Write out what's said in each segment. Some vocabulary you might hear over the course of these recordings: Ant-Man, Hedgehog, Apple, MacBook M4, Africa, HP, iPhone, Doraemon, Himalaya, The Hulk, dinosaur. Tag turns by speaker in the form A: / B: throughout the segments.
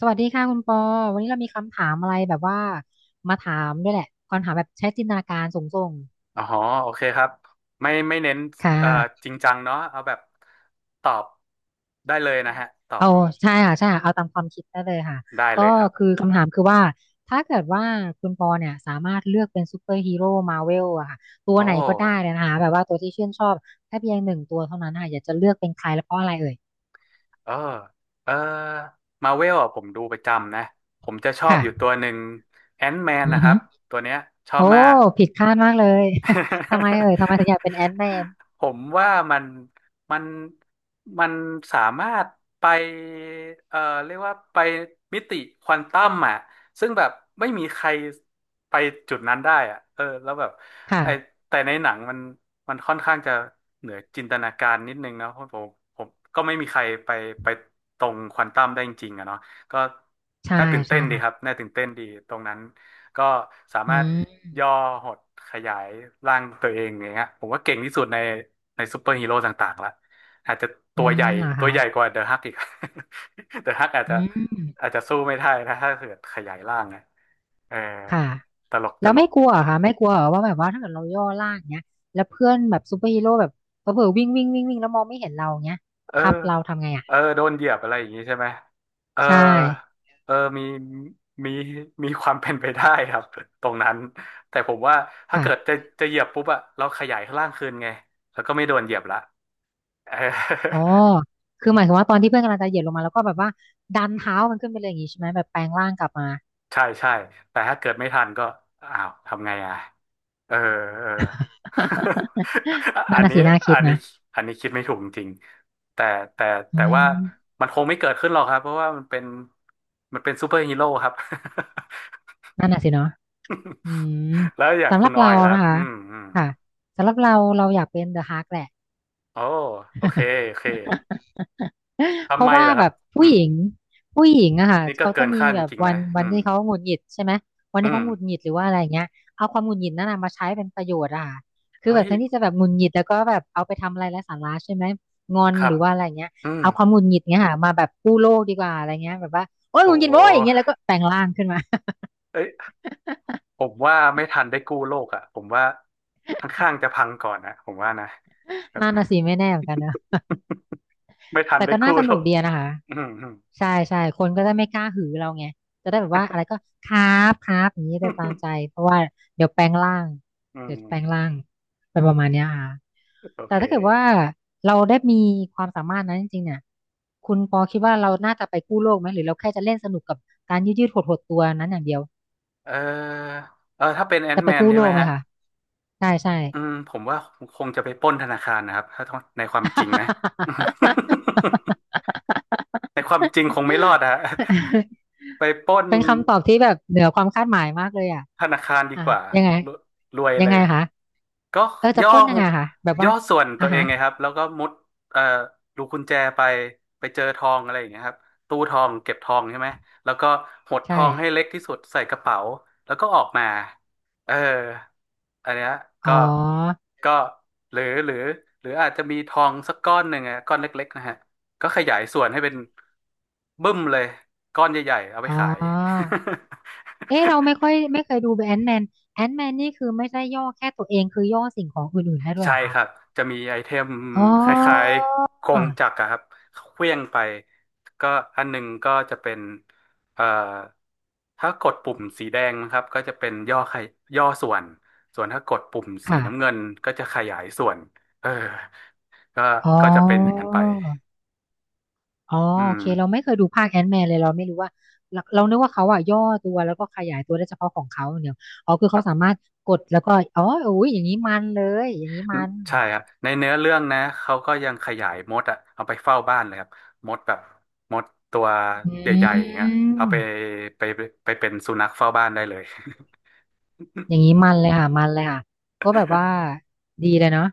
A: สวัสดีค่ะคุณปอวันนี้เรามีคำถามอะไรแบบว่ามาถามด้วยแหละคำถามแบบใช้จินตนาการสูง
B: อ๋อโอเคครับไม่ไม่เน้น
A: ๆค่ะ
B: เอ่อจริงจังเนาะเอาแบบตอบได้เลยนะฮะตอบ
A: เอาใช่ค่ะใช่ค่ะเอาตามความคิดได้เลยค่ะ
B: ได้
A: ก็
B: เลยครับ
A: คือคำถามคือว่าถ้าเกิดว่าคุณปอเนี่ยสามารถเลือกเป็นซูเปอร์ฮีโร่มาเวลอะค่ะตั
B: โอ
A: วไหนก็ได้
B: ้
A: เลยนะคะแบบว่าตัวที่ชื่นชอบแค่เพียงหนึ่งตัวเท่านั้นค่ะอยากจะเลือกเป็นใครและเพราะอะไรเอ่ย
B: เออเออมาเวลอ่ะผมดูประจำนะผมจะชอบ
A: ค่ะ
B: อยู่ตัวหนึ่งแอน m ์แมน
A: อื
B: นะ
A: อ
B: ค
A: ฮึ
B: รับตัวเนี้ยชอ
A: โอ้
B: บมาก
A: ผิดคาดมากเลย ทำไมเอ่ยทำไมถึงอยากเป็นแอนท์แมน
B: ผมว่ามันมันมันสามารถไปเอ่อเรียกว่าไปมิติควอนตัมอ่ะซึ่งแบบไม่มีใครไปจุดนั้นได้อ่ะเออแล้วแบบ
A: ค่ะ
B: ไอแต่ในหนังมันมันค่อนข้างจะเหนือจินตนาการนิดนึงนะเพราะผมก็ไม่มีใครไปไปตรงควอนตัมได้จริงๆอะเนาะก็
A: ใช่
B: น่าตื่นเต้
A: ใช่
B: นดี
A: ค่ะ
B: ครับน่าตื่นเต้นดีตรงนั้น ก็สา
A: อื
B: มารถ
A: ม
B: ย่อหดขยายร่างตัวเองอย่างเงี้ยผมว่าเก่งที่สุดในในซูเปอร์ฮีโร่ต่างๆละอาจจะ
A: อื
B: ตัวให
A: ม
B: ญ่
A: เหรอ
B: ตัว
A: คะ
B: ใหญ่กว่าเดอะฮักอีก เดอะฮักอาจ
A: อื
B: จะ
A: ม
B: อาจจะสู้ไม่ได้นะถ้าเกิดขยายร่างนะเออ
A: ค่ะ
B: ตลกต
A: แล้ว
B: ล
A: ไม่
B: ก
A: กลัวเหรอค่ะไม่กลัวเหรอว่าแบบว่าถ้าเกิดเราย่อล่างเนี้ยแล้วเพื่อนแบบซูเปอร์ฮีโร่แบบเผลอๆวิ่งวิ่งวิ่งวิ่งแล้วมองไม่เห็นเราเนี้ย
B: เออ
A: ทับเราทำไงอ่ะ
B: เออโดนเหยียบอะไรอย่างงี้ใช่ไหม เออ
A: ใช่
B: เออมีมีมีความเป็นไปได้ครับตรงนั้น แต่ผมว่าถ้า
A: ค่ะ
B: เกิดจะเหยียบปุ๊บอะเราขยายร่างคืนไงแล้วก็ไม่โดนเหยียบละ เออ
A: อ๋อ คือหมายความว่าตอนที่เพื่อนกำลังจะเหยียบลงมาแล้วก็แบบว่าดันเท้ามันขึ้นไปเลยอย่างงี้ใช่ไหมแบบแปลงร่างกลับมา
B: ใช่ใช่แต่ถ้าเกิดไม่ทันก็อ้าวทำไงอ่ะเออเออ อั
A: นั่น
B: น
A: น่ะ
B: นี้
A: สิน่าคิ
B: อั
A: ด
B: นนี้
A: นะ
B: อันนี้คิดไม่ถูกจริงๆแต่
A: อื
B: แต่ว่า
A: ม
B: มันคงไม่เกิดขึ้นหรอกครับเพราะว่ามันเป็นมันเป็นซูเปอร์ฮีโร่ครับ
A: นั่นน่ะสิเนาะอืม
B: แล้วอย่าง
A: สำห
B: คุ
A: รั
B: ณ
A: บ
B: ออ
A: เรา
B: ยล่ะครั
A: นะ
B: บ
A: คะ
B: อืมอืม
A: ค่ะสำหรับเราเราอยากเป็นเดอะฮาร์กแหละ
B: โอ้โอเค โอเค
A: เพ
B: ทำไม
A: ราะว่า
B: ล่ะค
A: แบ
B: รับ
A: บ
B: อื
A: ผู้ห
B: ม
A: ญิงผู้หญิงอะค่ะ
B: นี่ก็
A: เขา
B: เกิ
A: จะ
B: น
A: มี
B: คาดจ
A: แบบ
B: ริงๆ
A: วั
B: นะ
A: นวัน
B: อืม
A: ที่เขาหงุดหงิดใช่ไหมวัน
B: อื
A: ที่
B: ม
A: เขาหงุดหงิดหรือว่าอะไรเงี้ยเอาความหงุดหงิดนั่นนะมาใช้เป็นประโยชน์อะค่ะคือแบ
B: เฮ้
A: บ
B: ย
A: แทนที่จะแบบหงุดหงิดแล้วก็แบบเอาไปทำอะไรไร้สาระใช่ไหมงอน
B: ค
A: ห
B: รับ
A: รือว่าอะไรเงี้ย
B: อืม
A: เอาความหงุดหงิดเงี้ยค่ะมาแบบกู้โลกดีกว่าอะไรเงี้ยแบบว่าโอ๊ย
B: โอ
A: หงุดหงิดโว้ยอย่างเงี้ย
B: ้
A: แล้วก็แปลงร่างขึ้นมา
B: เอ้ย ผมว่าไม่ทันได้กู้โลกอ่ะผมว่าข้างๆจะพังก่อนนะผมว่านะแบ บ
A: นั่นน่ะสิไม่แน่เหมือนกันนะ
B: ไม่ทัน
A: แต่
B: ได้
A: ก็น่า
B: กู้
A: ส
B: โล
A: นุก
B: ก
A: ดีอะนะคะ
B: อืม
A: ใช่ใช่คนก็จะไม่กล้าหือเราไงจะได้แบบว่าอะไรก็ครับครับอย่างนี้จะตามใจเพราะว่าเดี๋ยวแปลงร่าง
B: อืม
A: เดี๋ยว
B: อ
A: แปลง
B: ื
A: ร่า
B: ม
A: งเป็นประมาณเนี้ยค่ะ
B: โอ
A: แต่
B: เค
A: ถ้าเกิดว่าเราได้มีความสามารถนั้นจริงๆเนี่ยคุณปอคิดว่าเราน่าจะไปกู้โลกไหมหรือเราแค่จะเล่นสนุกกับการยืดยืดหดหดตัวนั้นอย่างเดียว
B: เออเออถ้าเป็นแอน
A: จะ
B: m ์
A: ไป
B: แมน
A: กู้
B: ใช่
A: โล
B: ไหม
A: กไหม
B: ฮะ
A: คะใช่ใช่
B: อืมผมว่าคงจะไปปล้นธนาคารนะครับถ้าในความจริงนะ ในความจริงคงไม่รอดอะ ไปปล้น
A: เป็นคำตอบที่แบบเหนือความคาดหมายมากเลยอ่ะ
B: ธนาคารดี
A: อ่ะ
B: กว่า
A: ยังไง
B: รวยรวย
A: ยั
B: เล
A: งไง
B: ย
A: คะ
B: ก็
A: เออจะ
B: ย่อ
A: ปล้นยังไงคะแบบ
B: ย่
A: ว่า
B: อส่วนตั
A: อ่ะ
B: วเอ
A: ฮะ
B: งไงครับแล้วก็มุดเอ่อรูกุญแจไปไปเจอทองอะไรอย่างเงี้ยครับตู้ทองเก็บทองใช่ไหมแล้วก็หดท
A: ใช่
B: องให้เล็กที่สุดใส่กระเป๋าแล้วก็ออกมาเอออันเนี้ย
A: อ๋
B: ก็
A: อ
B: ก็หรือหรืออาจจะมีทองสักก้อนหนึ่งอะก้อนเล็กๆนะฮะก็ขยายส่วนให้เป็นบึ้มเลยก้อนใหญ่ๆเอาไป
A: อ๋อ
B: ขาย
A: เอ๊ะเราไม่ ค่อยไม่เคยดูแอนแมนแอนแมนนี่คือไม่ใช่ย่อแค่ตัวเองคือย่อสิ่งของอื่นๆได้ด้วย
B: ใช่
A: เหรอคะ
B: ครับจะมีไอเทม
A: อ๋
B: คล้าย
A: อ
B: ๆกงจักรอะครับเคลื่องไปก็อันหนึ่งก็จะเป็นเอ่อถ้ากดปุ่มสีแดงนะครับก็จะเป็นย่อขยย่อส่วนส่วนถ้ากดปุ่มสี
A: ค่ะ
B: น้ำเงินก็จะขยายส่วนเออก็
A: อ๋
B: ก็จะเป็นอย่าง
A: อ
B: นั้นไป
A: อ๋อ
B: อื
A: โอ
B: ม
A: เคเราไม่เคยดูภาคแอน m ์แมนเลยเราไม่รู้ว่าเราเรานึกว่าเขาอะย่อตัวแล้วก็ขยายตัวได้เฉพาะของเขาอย่างเดียวอ๋อคือ
B: ค
A: เขา
B: รั
A: สา
B: บ
A: มารถกดแล้วก็อ๋ออุ้ยอย่างนี้มันเลยอย่างนี้
B: อื
A: มั
B: ม
A: น
B: ใช่ครับในเนื้อเรื่องนะเขาก็ยังขยายมดอะเอาไปเฝ้าบ้านเลยครับมดแบบมดตัว
A: อ
B: ใหญ่ๆอ
A: ื
B: ย่างเงี้ยเอาไป
A: ม
B: ไปไปเป็นสุนัขเฝ้าบ้านได้เลย
A: อย่างนี้มันเลยค่ะมันเลยค่ะก็แบบว่าดีเลยเนาะ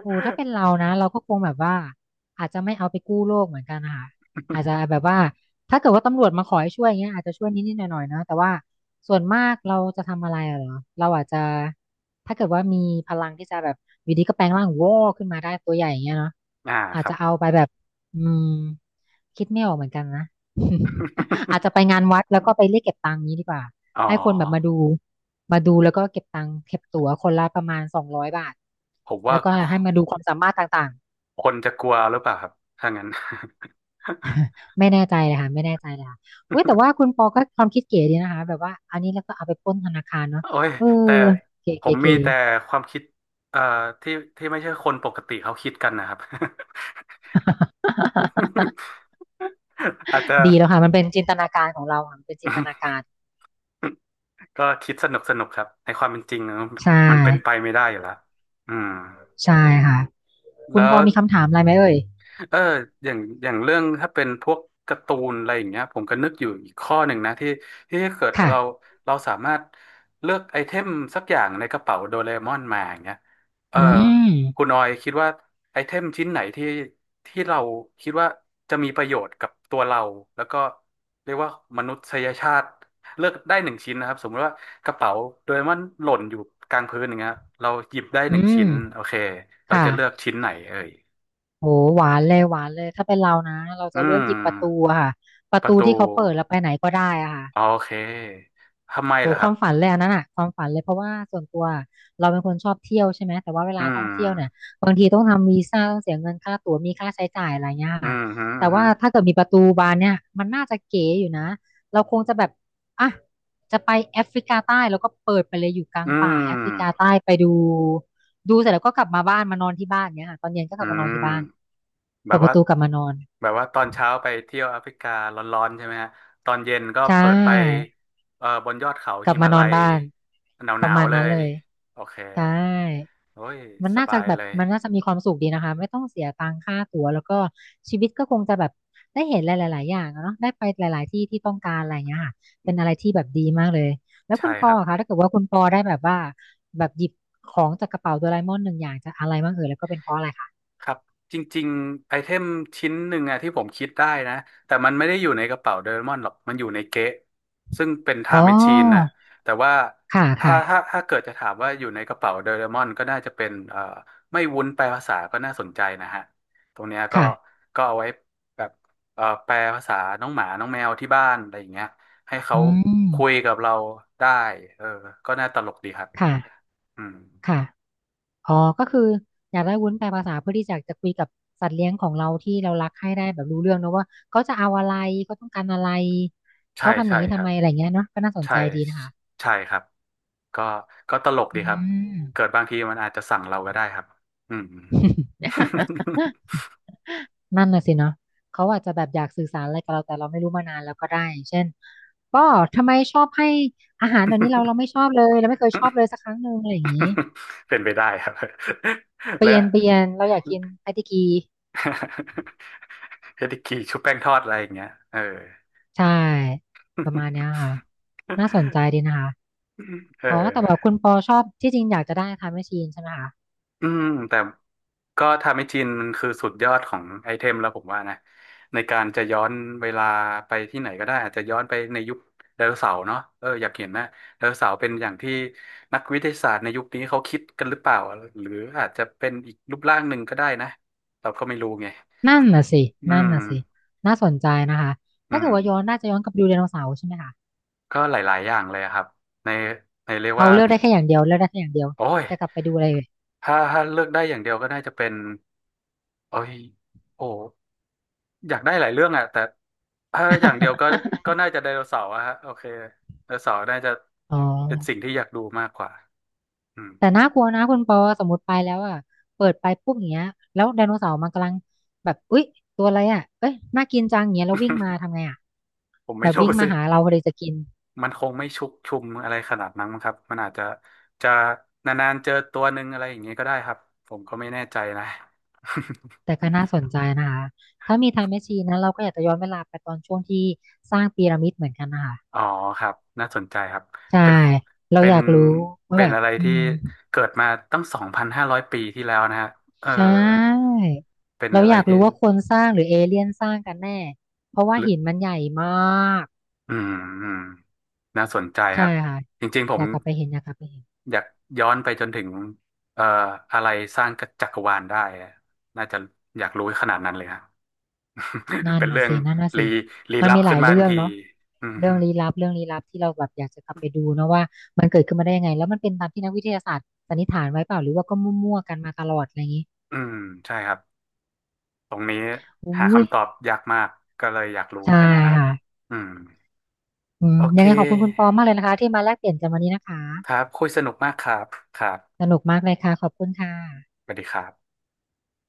A: โอ้ถ้าเป็นเรานะเราก็คงแบบว่าอาจจะไม่เอาไปกู้โลกเหมือนกันนะคะอาจจะ แบบว่าถ้าเกิดว่าตำรวจมาขอให้ช่วยอย่างเงี้ยอาจจะช่วยนิดๆหน่อยๆเนาะแต่ว่าส่วนมากเราจะทำอะไรอะเหรอเราอาจจะถ้าเกิดว่ามีพลังที่จะแบบอยู่ดีก็แปลงร่างวอขึ้นมาได้ตัวใหญ่อย่างเงี้ยเนาะ
B: อ่า
A: อา
B: ค
A: จ
B: รั
A: จะ
B: บ
A: เอาไปแบบอืมคิดไม่ออกเหมือนกันนะ อาจจะไปงานวัดแล้วก็ไปเรียกเก็บตังค์นี้ดีกว่า
B: อ๋อ
A: ให้คนแบบมาดูมาดูแล้วก็เก็บตังค์เก็บตั๋วคนละประมาณ200 บาท
B: ผมว่า
A: แล้วก็ให้มาดูความสามารถต่าง
B: คนจะกลัวหรือเปล่าครับถ้างั้น
A: ๆไม่แน่ใจเลยค่ะไม่แน่ใจเลยค่ะเว้ยแต่ว่าคุณปอก็ความคิดเก๋ดีนะคะแบบว่าอันนี้แล้วก็เอาไปปล้นธนาคารเนาะ
B: โอ้ย
A: เออ
B: แต่
A: เก๋
B: ผ
A: เก๋
B: มมี
A: เก๋
B: แต่ความคิดเอ่อที่ที่ไม่ใช่คนปกติเขาคิดกันนะครับ อาจจะ
A: ดีแล้วค่ะมันเป็นจินตนาการของเราค่ะมันเป็นจินตนาการ
B: ก็คิดสนุกสนุกครับ ในความเป็นจริง
A: ใช่
B: มันเป็นไปไม่ได้อยู่แล้วอืม
A: ใช่ค่ะคุ
B: แล้
A: ณป
B: ว
A: อมีคำถามอะไรไหมเอ่ย
B: เอออย่างอย่างเรื่องถ้าเป็นพวกการ์ตูนอะไรอย่างเงี้ยผมก็นึกอยู่อีกข้อหนึ่งนะ ที่ที่เกิด
A: ค่ะ
B: เราเราสามารถเลือกไอเทมสักอย่างในกระเป๋าโดเรมอนมาอย่างเงี้ยเออ
A: อื
B: คุ
A: ม
B: ณออยคิดว่าไอเทมชิ้นไหนที่ที่เราคิดว่าจะมีประโยชน์กับตัวเราแล้วก็เรียกว่ามนุษยชาติเลือกได้หนึ่งชิ้นนะครับสมมติว่ากระเป๋าโดเรมอนหล่นอยู่กลางพื้นอย่างเงี้ยเราหยิบได้ห
A: อื
B: นึ่ง
A: ม
B: ชิ้น โอเคเรา
A: ค่ะ
B: จะเลือกชิ้นไหนเอ่ย
A: โหหวานเลยหวานเลยถ้าเป็นเรานะเรา
B: อื
A: จะเลือกหยิบประตู
B: ม
A: อะค่ะประ
B: ประ
A: ตู
B: ตู
A: ที่เขาเปิดแล้วไปไหนก็ได้อะค่ะ
B: อ๋อโอเคทำไม
A: โห
B: ล่ะค
A: ค
B: รั
A: วา
B: บ
A: มฝันเลยอันนั้นอะความฝันเลยเพราะว่าส่วนตัวเราเป็นคนชอบเที่ยวใช่ไหมแต่ว่าเว
B: อื
A: ลาท่อง
B: ม
A: เที่ยวเนี่ยบางทีต้องทำวีซ่าต้องเสียเงินค่าตั๋วมีค่าใช้จ่ายอะไรเงี้ย
B: อื
A: ค่ะ
B: มฮึอื
A: แต่
B: มฮึ
A: ว่าถ้าเกิดมีประตูบานเนี่ยมันน่าจะเก๋อยู่นะเราคงจะแบบอ่ะจะไปแอฟริกาใต้แล้วก็เปิดไปเลยอยู่กลา
B: อื
A: งป่าแอฟริกา
B: ม
A: ใต้ไปดูดูเสร็จแล้วก็กลับมาบ้านมานอนที่บ้านเนี้ยค่ะตอนเย็นก็กลับ
B: อื
A: มานอนที่
B: ม
A: บ้าน
B: แบ
A: เปิ
B: บ
A: ดป
B: ว่า
A: ระตูกลับมานอน
B: แบบว่าตอนเช้าไปเที่ยวแอฟริการ้อนๆใช่ไหมฮะตอนเย็นก็
A: ใช
B: เปิดไป
A: ่
B: บนยอดเขา
A: กลั
B: หิ
A: บมา
B: มา
A: นอ
B: ลั
A: น
B: ย
A: บ้าน
B: ห
A: ป
B: นา
A: ระ
B: ว
A: มาณ
B: ๆเล
A: นั้น
B: ย
A: เลย
B: โอเค
A: ใช่
B: โอ้ย
A: มัน
B: ส
A: น่าจะ
B: บาย
A: แบบ
B: เลย
A: มันน่าจะมีความสุขดีนะคะไม่ต้องเสียตังค่าตั๋วแล้วก็ชีวิตก็คงจะแบบได้เห็นหลายๆอย่างอะเนาะได้ไปหลายๆที่ที่ต้องการอะไรอย่างเงี้ยค่ะเป็นอะไรที่แบบดีมากเลยแล้ว
B: ใช่
A: คุณป
B: ค
A: อ
B: รับ
A: คะถ้าเกิดว่าคุณปอได้แบบว่าแบบหยิบของจากกระเป๋าโดราเอมอนหนึ่งอย่างจะอะไรบ้างเอ่ยแล้วก็เป็นเพราะอะไรคะ
B: ครับจริงๆไอเทมชิ้นหนึ่งอะที่ผมคิดได้นะแต่มันไม่ได้อยู่ในกระเป๋าโดเรมอนหรอกมันอยู่ในเก๊ะซึ่งเป็นไท
A: อ๋อ
B: ม์แมชชีนน่ะแต่ว่า
A: ค่ะ
B: ถ้า
A: ค่ะ
B: ถ้าถ้าเกิดจะถามว่าอยู่ในกระเป๋าโดเรมอนก็น่าจะเป็นไม่วุ้นแปลภาษาก็น่าสนใจนะฮะตรงเนี้ยก็
A: ค่ะ
B: ก็เอาไว้แบบแปลภาษาน้องหมาน้องแมวที่บ้านอะไรอย่างเงี้ยให้เขา
A: อืม
B: คุยกับเราได้เออก็น่าตลกดีครับ
A: ค่ะ
B: อืม
A: ค่ะ อ๋อก็คืออยากได้วุ้นแปลภาษาเพื่อที่จะคุยกับสัตว์เลี้ยงของเราที่เรารักให้ได้แบบรู้เรื่องเนอะว่าเขาจะเอาอะไรเขาต้องการอะไร
B: ใช่
A: เขาทำอย่า
B: ใช่
A: งนี้
B: ค
A: ทำ
B: รั
A: ไม
B: บ
A: อะไรเงี้ยเนาะก็น่าสน
B: ใช่
A: ใจดีนะคะ
B: ใช่ครับก็ก็ตลก
A: อื
B: ดีครับเกิ
A: ม
B: ดบางทีมันอาจจะสั่งเราก็ได้ครับอืม
A: นั่นน่ะสิเนาะเขาอาจจะแบบอยากสื่อสารอะไรกับเราแต่เราไม่รู้มานานแล้วก็ได้เช่นก็ทำไมชอบให้อาหารเดี๋ยวนี้เราไม่ชอบเลยเราไม่เคยชอบเลยสักครั้งหนึ่งอะไรอย่างนี้
B: เป็นไปได้ครับ
A: เป ลี่
B: และ
A: ยนเปลี่ยนเราอยากกินไอติกี
B: เฮดิกีชุบแป้งทอดอะไรอย่างเงี้ยเออ
A: ใช่ประมาณเนี้ยค่ะน่าสนใจ ดีนะคะ
B: เอ
A: อ๋อแต่แบบคุ
B: อ
A: ณปอชอบที่จริงอยากจะได้ไทม์แมชชีนใช่ไหมคะ
B: อืมแต่ ก็ทำให้จีนมันคือสุดยอดของไอเทมแล้วผมว่านะในการจะย้อนเวลาไปที่ไหนก็ได้อาจจะย้อนไปในยุคไดโนเสาร์เนาะเอออยากเห็นนะ.ไดโนเสาร์เป็นอย่างที่นักวิทยาศาสตร์ในยุคนี้เขาคิดกันหรือเปล่าหรืออาจจะเป็นอีกรูปร่างหนึ่งก็ได้นะเราก็ไม่รู้ไง
A: นั่นน่ะสิ
B: อื
A: นั่น
B: ม
A: น่ะสิน่าสนใจนะคะ
B: อื
A: ถ้าเกิ
B: ม
A: ดว่าย้อนน่าจะย้อนกลับไปดูไดโนเสาร์ใช่ไหมคะ
B: ก็หลายๆอย่างเลยอะครับในในเรียก
A: เอา
B: ว่า
A: เลือกได้แค่อย่างเดียวเลือกได้แค่อย่างเดียว
B: โอ้ย
A: จะกลับไปดูอะไรเลย
B: ถ้าเลือกได้อย่างเดียวก็น่าจะเป็นโอ้ยโอ้ อยากได้หลายเรื่องอะแต่ถ้าอย่างเดียวก็ก็น่าจะไดโนเสาร์อะฮะโอเคไดโนเสาร์น่าจะ
A: อ๋อ
B: เป็นสิ่งที่อยากดูมากกว่าอืม
A: แต่
B: อืม
A: น่ากลัวนะคุณปอสมมติไปแล้วอ่ะเปิดไปปุ๊บอย่างเงี้ยแล้วไดโนเสาร์มันกำลังแบบอุ๊ยตัวอะไรอ่ะเอ้ยน่ากินจังอย่างเงี้ยแล้ววิ่งมาทำไงอ่ะ
B: ผม
A: แบ
B: ไม่
A: บ
B: รู้
A: วิ่งมา
B: สิ
A: หาเราพอดีจะกิน
B: มันคงไม่ชุกชุมอะไรขนาดนั้นมั้งครับมันอาจจะนานๆเจอตัวหนึ่งอะไรอย่างนี้ก็ได้ครับผมก็ไม่แน่ใจนะ
A: แต่ก็น่าสนใจนะคะถ้ามีไทม์แมชชีนนะเราก็อยากจะย้อนเวลาไปตอนช่วงที่สร้างพีระมิดเหมือนกันนะคะ
B: อ๋อครับน่าสนใจครับ
A: ใช่
B: เป็น
A: เรา
B: เป็
A: อ
B: น
A: ยากรู้ว่า
B: เป็
A: แบ
B: น
A: บ
B: อะไร
A: อื
B: ที่
A: ม
B: เกิดมาตั้ง2,500ปีที่แล้วนะฮะเออ
A: ใช่
B: เป็น
A: เรา
B: อะไร
A: อยาก
B: ที่
A: รู้ว่าคนสร้างหรือเอเลี่ยนสร้างกันแน่ เพราะว่าหินมันใหญ่มาก
B: อืมอืมน่าสนใจค
A: ใช่
B: รับ
A: ค่ะ
B: จริงๆผ
A: อ
B: ม
A: ยากกลับไปเห็นอยากกลับไปเห็น
B: อยากย้อนไปจนถึงเอ่ออะไรสร้างจักรวาลได้อะน่าจะอยากรู้ขนาดนั้นเลยฮะ
A: นั่น
B: เป็น
A: น่ะ
B: เรื่อง
A: สินั่นน่ะ
B: ลี้
A: สิ
B: ลี้
A: มัน
B: ลับ
A: มีห
B: ขึ้
A: ลา
B: น
A: ย
B: มาทั
A: เรื่
B: น
A: อง
B: ที
A: เนาะ
B: อืม
A: เรื่องลี้ลับเรื่องลี้ลับที่เราแบบอยากจะกลับไปดูเนอะว่ามันเกิดขึ้นมาได้ยังไงแล้วมันเป็นตามที่นักวิทยาศาสตร์สันนิษฐานไว้เปล่าหรือว่าก็มั่วๆกันมาตลอดอะไรอย่างนี้
B: อืมใช่ครับตรงนี้
A: อุ้
B: หา
A: ย
B: คำตอบยากมากก็เลยอยากรู้
A: ใช่
B: แค่นั้นนะครับ
A: ค่ะ
B: อืม
A: อืม
B: โอเค
A: ยังไงขอบคุณคุณปอมากเลยนะคะที่มาแลกเปลี่ยนกันวันนี้นะคะ
B: ครับคุยสนุกมากครับครับ
A: สนุกมากเลยค่ะขอบคุณค่ะ
B: สวัสดีครับ